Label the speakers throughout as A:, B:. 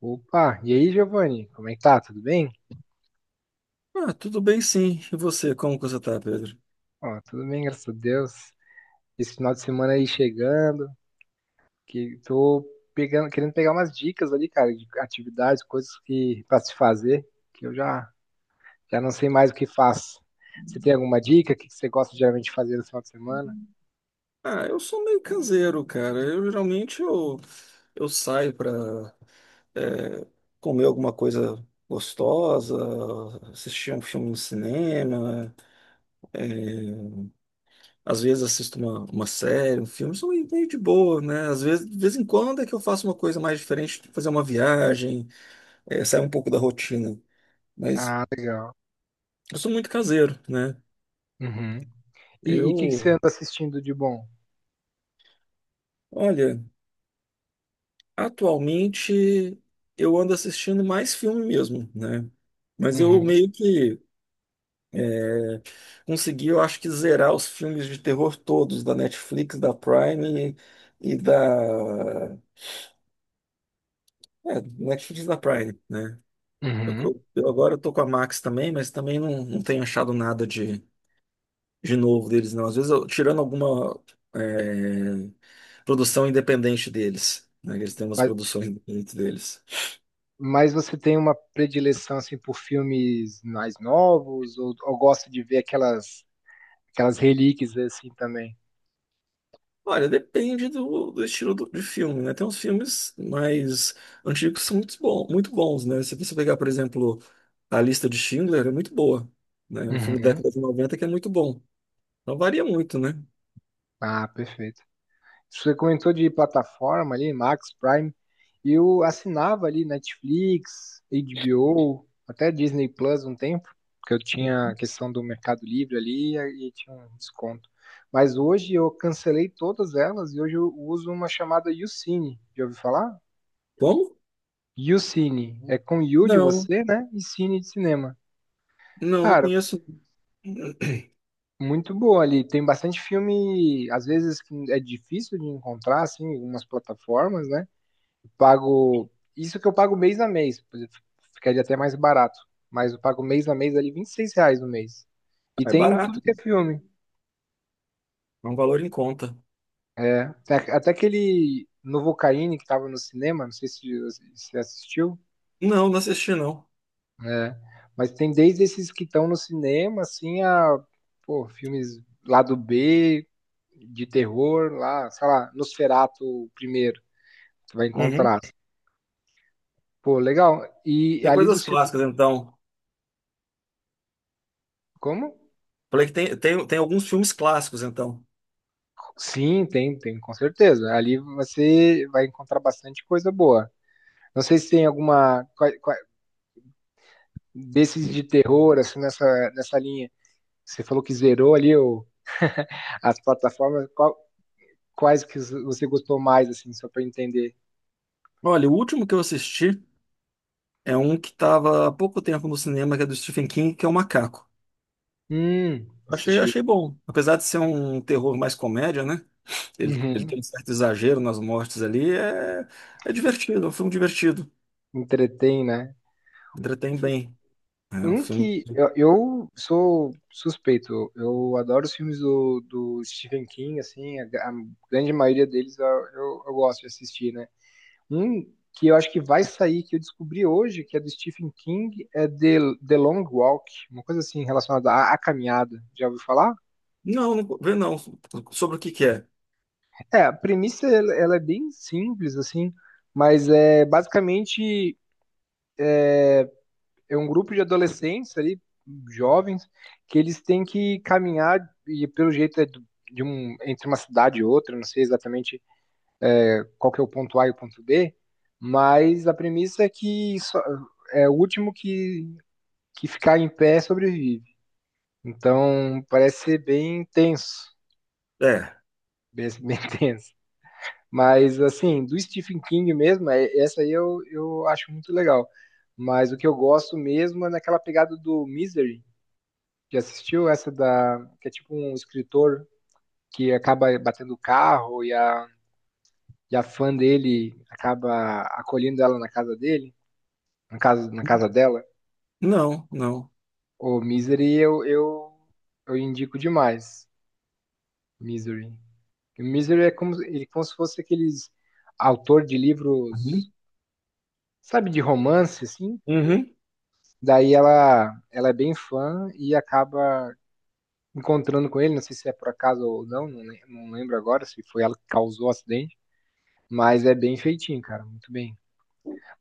A: Opa, e aí, Giovanni? Como é que tá? Tudo bem?
B: Ah, tudo bem sim. E você, como que você tá, Pedro?
A: Ó, tudo bem, graças a Deus. Esse final de semana aí chegando, que tô pegando, querendo pegar umas dicas ali, cara, de atividades, coisas que para se fazer, que eu já não sei mais o que faço. Você tem alguma dica? O que que você gosta geralmente de fazer no final de semana?
B: Ah, eu sou meio caseiro, cara. Eu geralmente eu saio pra é, comer alguma coisa gostosa, assistir um filme no cinema. é, Às vezes assisto uma série, um filme, sou meio de boa, né? Às vezes, de vez em quando é que eu faço uma coisa mais diferente, tipo fazer uma viagem, sair um pouco da rotina. Mas
A: Ah, legal.
B: eu sou muito caseiro, né?
A: Uhum. E o que que você
B: Eu,
A: anda assistindo de bom?
B: olha. Atualmente eu ando assistindo mais filme mesmo, né? Mas eu
A: Uhum.
B: meio que consegui, eu acho que zerar os filmes de terror todos da Netflix, da Prime e, da Netflix e da Prime, né? Eu,
A: Uhum.
B: eu- eu agora tô com a Max também, mas também não tenho achado nada de novo deles, não. Às vezes eu tirando alguma é, produção independente deles, né? Eles têm umas
A: Mas,
B: produções independentes deles.
A: mas você tem uma predileção assim por filmes mais novos ou gosta de ver aquelas relíquias assim também.
B: Olha, depende do estilo de filme, né? Tem uns filmes mais antigos que são muito, bom, muito bons, né? Se você pegar, por exemplo, A Lista de Schindler, é muito boa, né? É um filme da
A: Uhum.
B: década de 90 que é muito bom. Não varia muito, né?
A: Ah, perfeito. Você comentou de plataforma ali, Max Prime. Eu assinava ali Netflix, HBO, até Disney Plus um tempo, porque eu tinha a questão do Mercado Livre ali e tinha um desconto. Mas hoje eu cancelei todas elas e hoje eu uso uma chamada YouCine. Já ouviu falar?
B: Como?
A: YouCine. É com You de
B: Não,
A: você, né? E Cine de cinema.
B: não, não
A: Cara,
B: conheço.
A: muito boa ali. Tem bastante filme, às vezes que é difícil de encontrar, assim, em algumas plataformas, né? Pago. Isso que eu pago mês a mês, por exemplo, ficaria até mais barato. Mas eu pago mês a mês ali 26 reais no mês. E
B: Ah, é
A: tem
B: barato,
A: tudo que é filme.
B: é um valor em conta.
A: É. Até aquele Novocaine que tava no cinema, não sei se você assistiu.
B: Não, não assisti, não.
A: É, mas tem desde esses que estão no cinema, assim, a, pô, filmes lá do B, de terror, lá, sei lá, Nosferatu primeiro, você vai
B: Uhum.
A: encontrar. Pô, legal. E
B: Tem
A: ali
B: coisas
A: dos filmes,
B: clássicas, então.
A: como?
B: Falei que tem alguns filmes clássicos, então.
A: Sim, tem, com certeza. Ali você vai encontrar bastante coisa boa. Não sei se tem alguma desses de terror, assim, nessa linha. Você falou que zerou ali o, as plataformas, quais que você gostou mais, assim, só para entender?
B: Olha, o último que eu assisti é um que estava há pouco tempo no cinema, que é do Stephen King, que é o Macaco.
A: Assisti.
B: Achei bom. Apesar de ser um terror mais comédia, né? Ele
A: Uhum.
B: tem um certo exagero nas mortes ali. É divertido, é um filme divertido.
A: Entretém, né?
B: Entretém bem. É um
A: Um
B: filme.
A: que eu sou suspeito, eu adoro os filmes do, do Stephen King, assim, a, a grande maioria deles eu gosto de assistir, né? Um que eu acho que vai sair, que eu descobri hoje, que é do Stephen King, é The Long Walk, uma coisa assim relacionada à, à caminhada. Já ouviu falar?
B: Não, não vê não. Sobre o que que é?
A: É, a premissa ela é bem simples, assim, mas é basicamente. É um grupo de adolescentes ali, jovens, que eles têm que caminhar e pelo jeito é de um, entre uma cidade e outra, não sei exatamente qual que é o ponto A e o ponto B, mas a premissa é que só, é o último que ficar em pé sobrevive. Então parece ser bem tenso,
B: É.
A: bem, bem tenso. Mas assim, do Stephen King mesmo, é, essa aí eu acho muito legal. Mas o que eu gosto mesmo é naquela pegada do Misery. Já assistiu essa da que é tipo um escritor que acaba batendo o carro e a fã dele acaba acolhendo ela na casa dele, na casa dela?
B: Não, não.
A: O Misery eu indico demais. Misery. O Misery é como, ele é como se fosse aqueles autor de livros,
B: Uhum.
A: sabe, de romance, assim.
B: Uhum.
A: Daí ela é bem fã e acaba encontrando com ele, não sei se é por acaso ou não, não, não lembro agora se foi ela que causou o acidente. Mas é bem feitinho, cara, muito bem.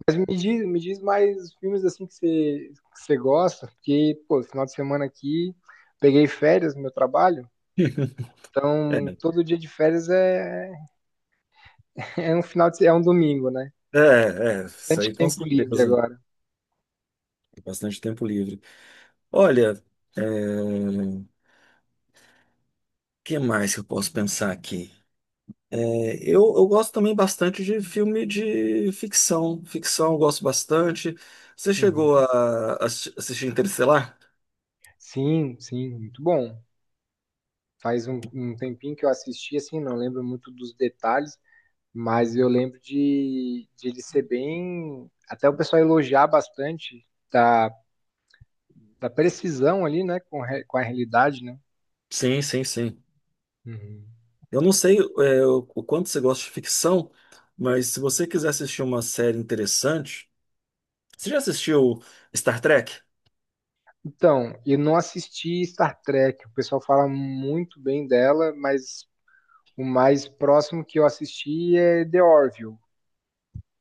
A: Mas me diz mais filmes assim que você gosta, porque, pô, final de semana aqui, peguei férias no meu trabalho,
B: É,
A: então todo dia de férias é, é um final de, é um domingo, né?
B: É, isso
A: Bastante
B: aí com
A: tempo livre
B: certeza.
A: agora.
B: Tem bastante tempo livre. Olha, é, o que mais que eu posso pensar aqui? Eu gosto também bastante de filme de ficção. Ficção eu gosto bastante. Você chegou
A: Uhum.
B: a assistir Interestelar?
A: Sim, sim, muito bom. Faz um, um tempinho que eu assisti, assim, não lembro muito dos detalhes, mas eu lembro de ele ser bem. Até o pessoal elogiar bastante da. Da precisão ali, né, com, com a realidade, né?
B: Sim, sim, sim.
A: Uhum.
B: Eu não sei, é, o quanto você gosta de ficção, mas se você quiser assistir uma série interessante, você já assistiu Star Trek?
A: Então, eu não assisti Star Trek. O pessoal fala muito bem dela, mas o mais próximo que eu assisti é The Orville,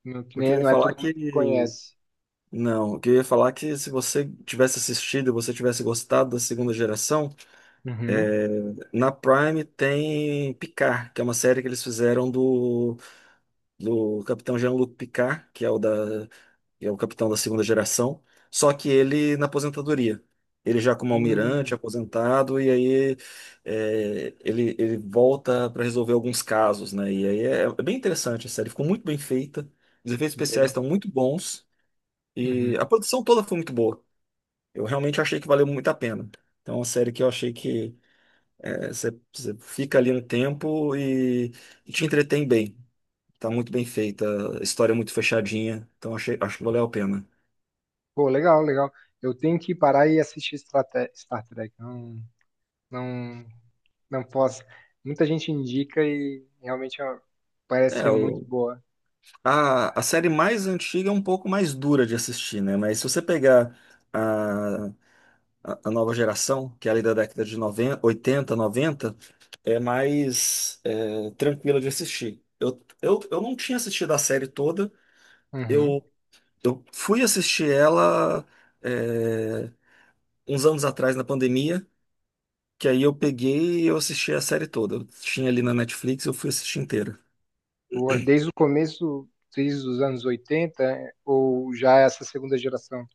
A: não, que
B: Porque
A: nem-
B: ele ia
A: não é todo
B: falar
A: mundo
B: que.
A: que conhece.
B: Não, eu queria falar que se você tivesse assistido, você tivesse gostado da segunda geração,
A: Uhum.
B: é, na Prime tem Picard, que é uma série que eles fizeram do capitão Jean-Luc Picard, que é o da, que é o capitão da segunda geração, só que ele na aposentadoria. Ele já como almirante,
A: Hum,
B: aposentado, e aí é, ele volta para resolver alguns casos, né? E aí é, é bem interessante a série, ficou muito bem feita, os efeitos especiais
A: boa.
B: estão muito bons,
A: Uhum.
B: e a produção toda foi muito boa. Eu realmente achei que valeu muito a pena. Então, é uma série que eu achei que é, você fica ali um tempo e te entretém bem. Tá muito bem feita, a história é muito fechadinha, então achei, acho que valeu a pena.
A: Pô, legal, legal. Eu tenho que parar e assistir Star Trek. Não, não, não posso. Muita gente indica e realmente ó, parece ser
B: É,
A: muito
B: o,
A: boa.
B: a série mais antiga é um pouco mais dura de assistir, né? Mas se você pegar a, a nova geração, que é ali da década de 90, 80, 90, é mais é, tranquila de assistir. Eu não tinha assistido a série toda,
A: Uhum.
B: eu, eu fui assistir ela é, uns anos atrás na pandemia, que aí eu peguei e eu assisti a série toda. Eu tinha ali na Netflix, eu fui assistir inteira.
A: Ou é desde o começo, desde os anos 80, é, ou já é essa segunda geração?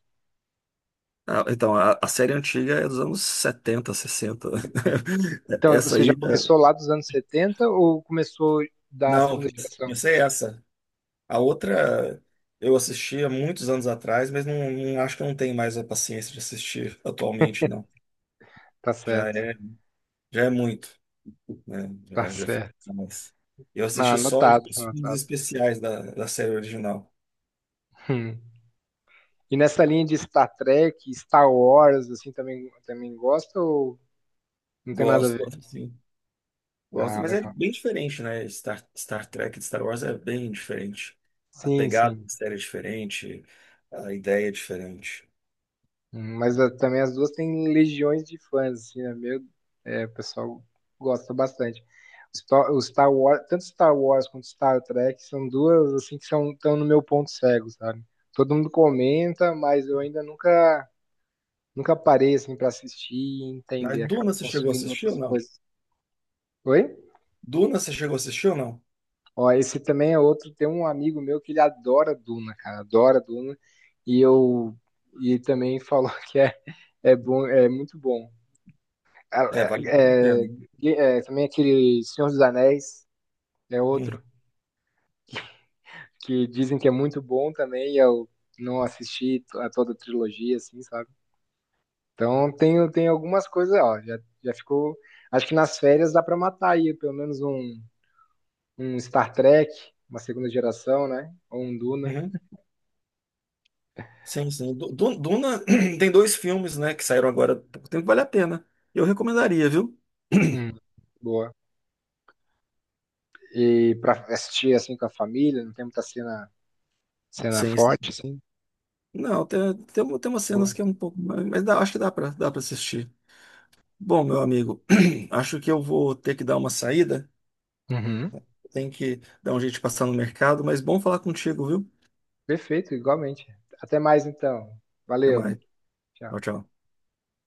B: Ah, então, a série antiga é dos anos 70 sessenta.
A: Então,
B: Essa
A: você já
B: aí.
A: começou lá dos anos 70 ou começou da
B: Não,
A: segunda geração?
B: comecei essa. A outra eu assisti há muitos anos atrás, mas acho que eu não tenho mais a paciência de assistir atualmente, não.
A: Tá
B: Já
A: certo,
B: é, Já é muito, né?
A: tá
B: Já fica
A: certo.
B: mais. Eu
A: Ah,
B: assisti só
A: anotado,
B: alguns filmes
A: anotado.
B: especiais da série original.
A: Hum. E nessa linha de Star Trek, Star Wars, assim, também, também gosta ou não tem nada a ver?
B: Gosto, assim. Gosto,
A: Ah,
B: mas é
A: legal.
B: bem diferente, né? Star Trek de Star Wars é bem diferente. A
A: Sim,
B: pegada
A: sim.
B: da série é diferente, a ideia é diferente.
A: Mas ah, também as duas têm legiões de fãs, assim, né? Meu, é, o pessoal gosta bastante. O Star Wars, tanto Star Wars quanto Star Trek são duas assim que são estão no meu ponto cego, sabe? Todo mundo comenta, mas eu ainda nunca parei assim para assistir e
B: Mas
A: entender, acabo
B: Duna você chegou a
A: consumindo
B: assistir ou
A: outras
B: não?
A: coisas. Oi?
B: Duna você chegou a assistir ou não?
A: Ó, esse também é outro, tem um amigo meu que ele adora Duna, cara, adora Duna, e eu e ele também falou que é é bom, é muito bom.
B: É, vale muito a
A: É,
B: pena.
A: é, também aquele Senhor dos Anéis, é
B: Uhum.
A: outro, que dizem que é muito bom também, e eu não assisti a toda a trilogia, assim, sabe? Então tem, tem algumas coisas, ó, já, já ficou. Acho que nas férias dá pra matar aí pelo menos um, um Star Trek, uma segunda geração, né? Ou um Duna.
B: Uhum. Sim, sim. Duna tem dois filmes, né, que saíram agora há pouco tempo, vale a pena. Eu recomendaria, viu?
A: Hum, boa. E pra assistir assim com a família, não tem muita cena, cena
B: Sim, sim.
A: forte, assim.
B: Não, tem umas cenas
A: Boa.
B: que é um pouco mais. Acho que dá pra assistir. Bom, meu amigo, acho que eu vou ter que dar uma saída.
A: Uhum.
B: Tem que dar um jeito de passar no mercado, mas bom falar contigo, viu?
A: Perfeito, igualmente. Até mais então.
B: Até
A: Valeu.
B: mais.
A: Tchau.
B: Tchau, tchau.